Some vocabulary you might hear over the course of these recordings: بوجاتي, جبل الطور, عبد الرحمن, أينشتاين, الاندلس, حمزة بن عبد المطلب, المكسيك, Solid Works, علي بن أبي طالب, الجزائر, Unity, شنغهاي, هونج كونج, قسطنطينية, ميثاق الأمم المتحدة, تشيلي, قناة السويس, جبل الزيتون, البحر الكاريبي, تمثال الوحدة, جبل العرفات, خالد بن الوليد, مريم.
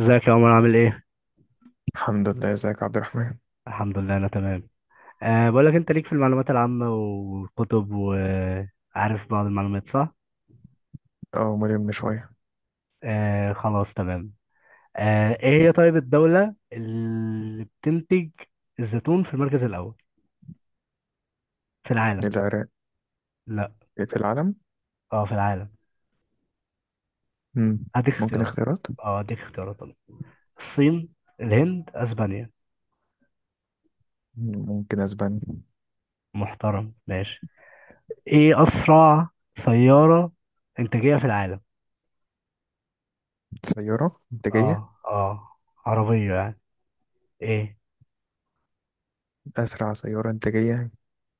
ازيك يا عمر؟ عامل ايه؟ الحمد لله، ازيك يا عبد الرحمن. الحمد لله انا تمام. بقول لك، انت ليك في المعلومات العامة والكتب، وعارف بعض المعلومات، صح؟ اه مريم من شوية. أه، خلاص، تمام. ايه هي طيب الدولة اللي بتنتج الزيتون في المركز الأول في العالم؟ للعراق. لا. في العالم. اه، في العالم. مم. هديك ممكن اختيارات. اختيارات. اه، هديك اختيارات طبعا. الصين، الهند، اسبانيا. مم، ممكن اسبانيا. محترم. ماشي، ايه أسرع سيارة إنتاجية في العالم؟ سيارة انتاجية؟ اه، اه. عربية يعني. ايه؟ اسرع سيارة انتاجية،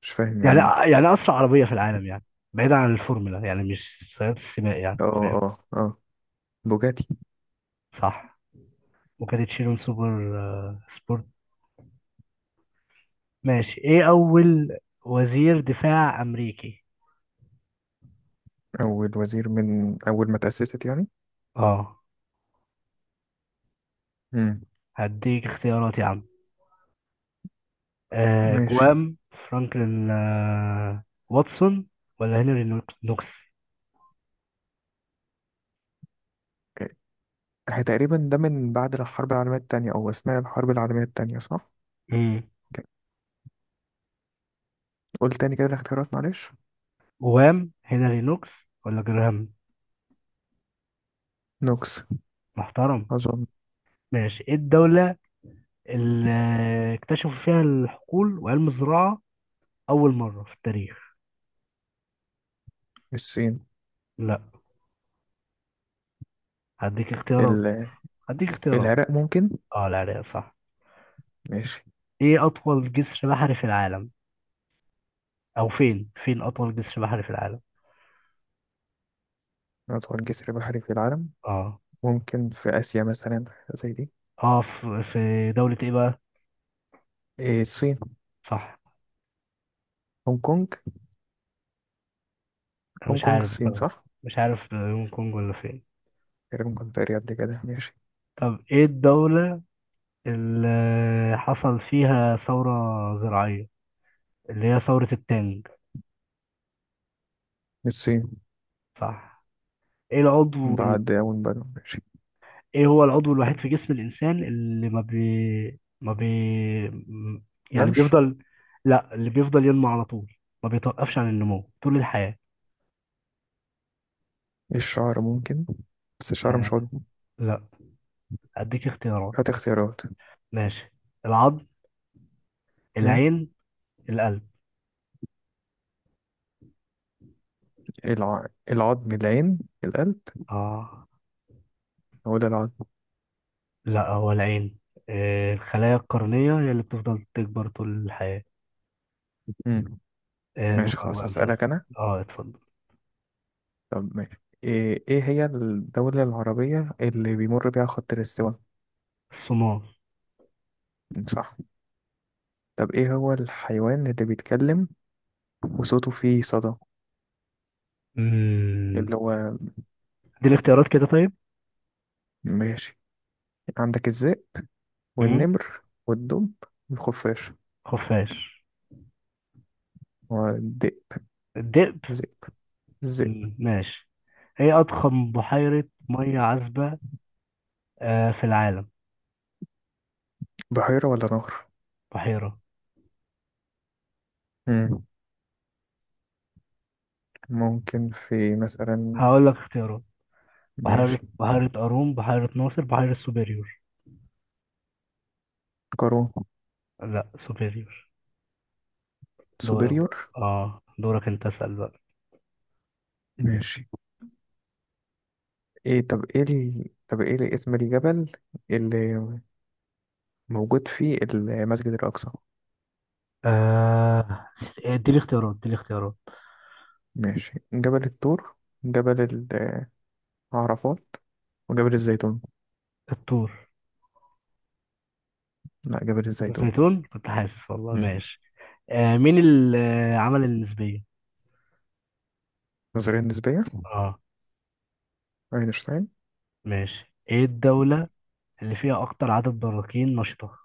مش فاهم يعني يعني ايه. يعني اسرع عربيه في العالم يعني، بعيدا عن الفورمولا يعني، مش سيارات السباق، يعني اه فاهم. اه اه بوجاتي. صح، وكانت شيرون سوبر، سبورت. ماشي، ايه اول وزير دفاع امريكي؟ اول وزير من اول ما تأسست يعني. اه، مم. هديك اختيارات يا عم. آه، ماشي. جوام فرانكلين، واتسون، ولا هنري نوكس. اه، هي تقريبا ده من بعد الحرب العالمية التانية او اثناء الحرب العالمية التانية، صح؟ امم، قول تاني كده الاختيارات معلش. جوام، هنري نوكس ولا جراهام؟ نوكس محترم. اظن. ماشي، ايه الدولة اللي اكتشفوا فيها الحقول وعلم الزراعة أول مرة في التاريخ؟ الصين. لا، هديك اختيارات ال- هديك اختيارات. العراق ممكن. اه، العراق، صح. ماشي. ايه اطول جسر بحري في العالم؟ او فين اطول جسر بحري في العالم؟ أطول جسر بحري في العالم؟ اه، ممكن في آسيا مثلا حاجة زي دي. اه. في دولة ايه بقى؟ إيه الصين. صح، هونج كونج. انا هونج مش كونج عارف الصين بصراحة. صح؟ مش عارف، هونج كونج ولا فين. تقريبا كنت قاري قبل كده. ماشي. طب ايه الدولة اللي حصل فيها ثورة زراعية اللي هي ثورة التانج؟ الصين. صح. ايه العضو بعد أول بدو. ماشي. ايه هو العضو الوحيد كمل. في جسم الانسان اللي ما بي ما بي م- يعني نمش. بيفضل، لا، اللي بيفضل ينمو على طول، ما بيتوقفش عن النمو طول الحياة؟ الشعر ممكن، بس الشعر مش آه. عضو. لا، اديك اختيارات. هات اختيارات. ماشي، العظم، مم. العين، القلب. الع... العظم العين القلب؟ اه، ولا العظم. لا هو العين. آه، الخلايا القرنية هي اللي بتفضل تكبر طول الحياة. مم. آه، ماشي دورك خلاص بقى انت. هسألك أنا. اه، اتفضل. طب ماشي، إيه إيه هي الدولة العربية اللي بيمر بيها خط الاستواء؟ الصمام. صح. طب إيه هو الحيوان اللي بيتكلم وصوته فيه صدى، امم، اللي هو؟ دي الاختيارات كده، طيب. ماشي. عندك الذئب امم، والنمر والدب والخفاش خفاش، والدئ. الدئب. ذئب ذئب. مم، ماشي. ايه اضخم بحيرة مية عذبة، في العالم؟ بحيرة ولا نهر؟ بحيرة. مم. ممكن في مثلا. هقول لك اختيارات. بحيرة ماشي. بحيرة قارون، بحيرة ناصر، بحيرة سوبيريور. قارون. لا، سوبيريور. دورك سوبريور. بقى، اه دورك انت اسأل بقى. ماشي. ايه طب ايه طب ايه اللي اسم الجبل اللي موجود فيه المسجد الأقصى؟ آه، اديني اختيارات. ماشي، جبل الطور، جبل العرفات، وجبل الزيتون. الطور. لا جبل الزيتون. الزيتون، كنت حاسس والله. مم. ماشي. آه، مين اللي آه، عمل النسبية؟ نظرية نسبية. اه، أينشتاين. ماشي. ايه الدولة اللي فيها اكتر عدد براكين نشطة؟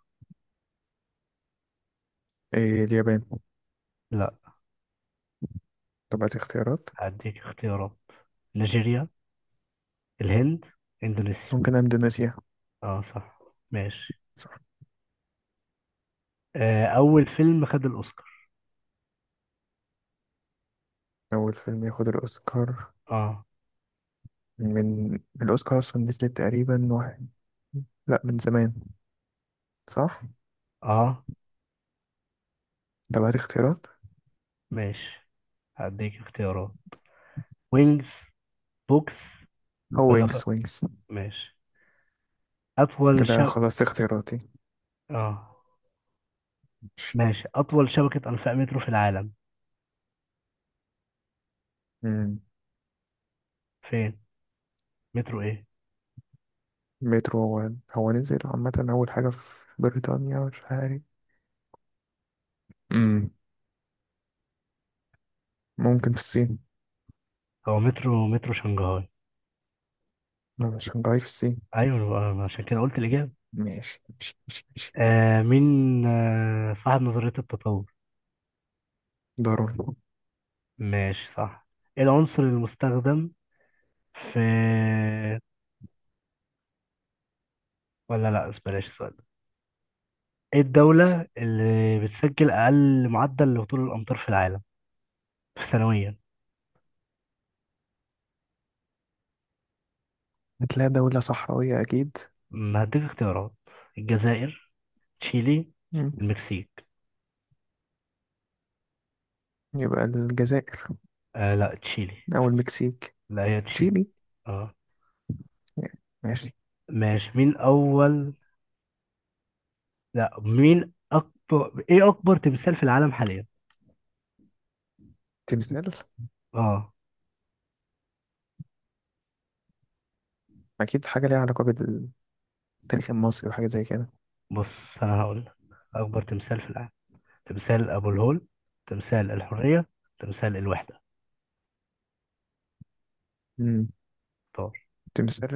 إيه اليابان. لا، طب هات اختيارات. هديك اختيارات. نيجيريا، الهند، اندونيسيا. ممكن اندونيسيا. اه، صح، ماشي. صح. آه، اول فيلم خد الاوسكار. اول فيلم ياخد الاوسكار، اه، من الاوسكار اصلا نزلت تقريبا واحد، لا من زمان. صح. اه، طب هات اختيارات. ماشي، هديك اختيارات. وينجز، بوكس، هو ولا ف... وينجز؟ ماشي. اطول كده شب خلصت اختياراتي. اه، ماشي. ماشي، اطول شبكة انفاق مترو في العالم؟ مم. فين، مترو ايه؟ مترو، هو نزل عامة أول حاجة في بريطانيا، مش عارف. مم. ممكن في الصين. هو مترو شنغهاي. لا مش شنغهاي في الصين. ايوه بقى، أنا عشان كده قلت الاجابة. ماشي ماشي ماشي ماشي. آه مين آه صاحب نظرية التطور. ضروري. ماشي، صح. ايه العنصر المستخدم في ولا لا، بلاش السؤال. ايه الدولة اللي بتسجل أقل معدل لهطول الأمطار في العالم في سنويا؟ هتلاقي دولة صحراوية أكيد. أمم، هديك اختيارات. الجزائر، تشيلي، مم. المكسيك. يبقى الجزائر. آه لا، تشيلي. أو المكسيك. لا، هي تشيلي. تشيلي. اه، ماشي. ماشي. مين أول لا مين أكبر ايه أكبر تمثال في العالم حاليا؟ تمثال؟ اه، أكيد حاجة ليها علاقة بالتاريخ المصري وحاجة زي كده. بص أنا هقول لك. أكبر تمثال في العالم، تمثال أبو الهول، تمثال الحرية، تمثال الوحدة، مم. طار. تمثال،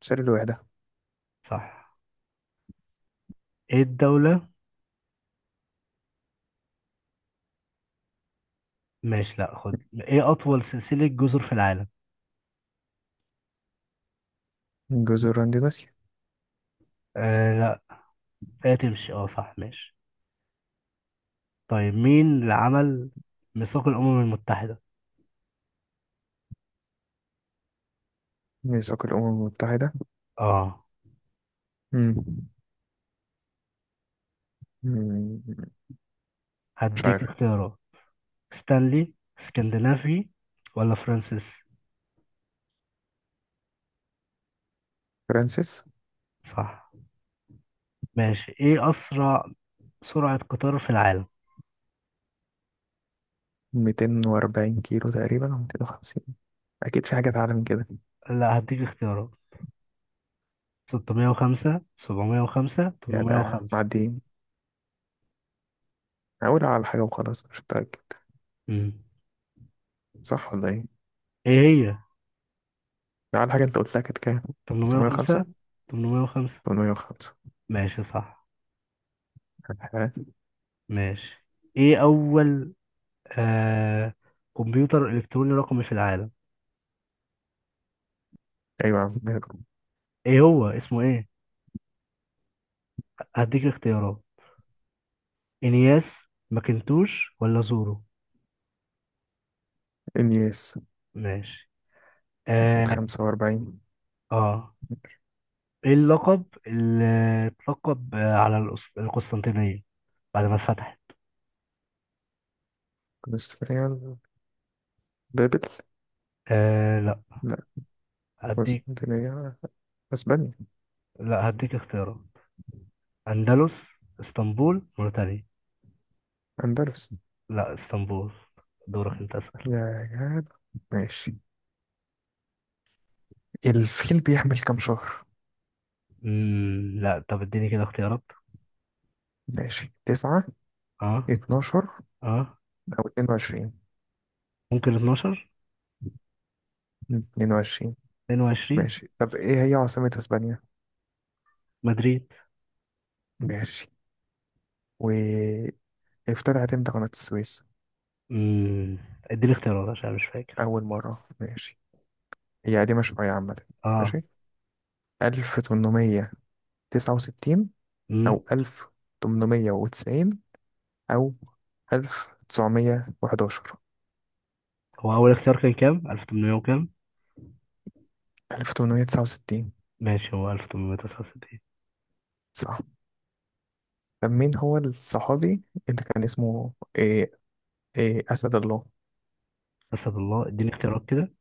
تمثال الوحدة. صح. ايه الدولة ماشي لا خد ايه أطول سلسلة جزر في العالم؟ جزر أندونيسيا. آه، لا هي تمشي، اه صح، ماشي. طيب، مين اللي عمل ميثاق الأمم المتحدة؟ ميثاق الأمم المتحدة. اه، مم. مم. مش هديك عارف. اختيارات. ستانلي، اسكندنافي، ولا فرانسيس. فرانسيس. صح. ماشي، ايه أسرع سرعة قطار في العالم؟ 240 كيلو تقريبا أو 250، أكيد في حاجة أعلى من كده. لا، هديك اختيارات. 605، 705، يا ده 805. معديين، أقول على حاجة وخلاص مش متأكد. امم. صح ولا إيه؟ ايه هي؟ ده على حاجة أنت قلتها، كانت كام؟ 905. 805. 805، 805. ماشي، صح. ماشي. ايه أول آه كمبيوتر إلكتروني رقمي في العالم؟ أيوة يا عم. ايه هو اسمه ايه؟ هديك اختيارات. انياس، ماكنتوش ولا زورو. النيس. ماشي. سنة اه, 45. آه. ايه اللقب اللي اتلقب، على القسطنطينية بعد ما اتفتحت؟ كونستانتينيال، بابل، آه لا. لا، هديك قسطنطينية، اسبانيا، هديك اختيارات. اندلس، اسطنبول، موريتانيا. اندلس. لا، اسطنبول. دورك انت اسأل. يا جدع. ماشي، الفيل بيحمل كام شهر؟ مم. لا، طب اديني كده اختيارات. ماشي، 9، اه، 12، اه، او 22. ممكن 12، 22. 22. ماشي، طب ايه هي عاصمة اسبانيا؟ مدريد. ماشي. وافتتحت امتى قناة السويس؟ امم، اديني اختيارات عشان أنا مش فاكر. اول مرة. ماشي، هي قديمة شوية عامة. اه، ماشي. 1869، امم. او 1890، او 1911. هو اول اختيار كان كام؟ 1800 وكام؟ 1869. ماشي، هو 1869. صح. طب مين هو الصحابي اللي كان اسمه إيه، إيه أسد الله؟ اسد الله، اديني اختيارات كده.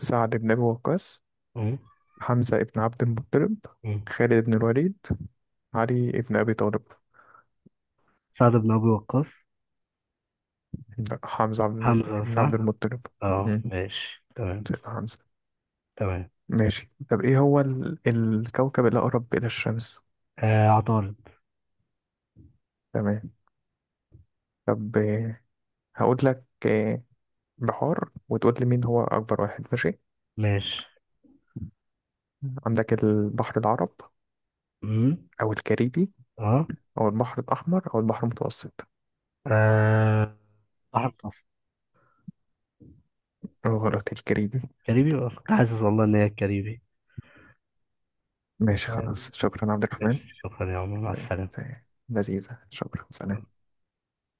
سعد بن أبي وقاص، امم حمزة بن عبد المطلب، امم خالد بن الوليد، علي بن أبي طالب. سعد بن ابي وقاص. لا حمزة عبد، حمزة، بن عبد صح. المطلب. اه، مم، ماشي، تمام، سيدنا حمزة. تمام. ماشي، طب إيه هو الكوكب الأقرب إلى الشمس؟ آه، عطارد. تمام. طب إيه، هقول لك إيه، بحار وتقول لي مين هو أكبر واحد. ماشي. ماشي. عندك البحر العرب، امم، أو الكاريبي، اه أو البحر الأحمر، أو البحر المتوسط. آه، بحر متوسط. غلط، الكاريبي. كاريبي، كنت حاسس والله ان هي الكاريبي. ماشي تمام. خلاص، شكرا عبد الرحمن. ماشي، شكرا يا عمر، مع السلامة. لذيذة، شكرا، سلام.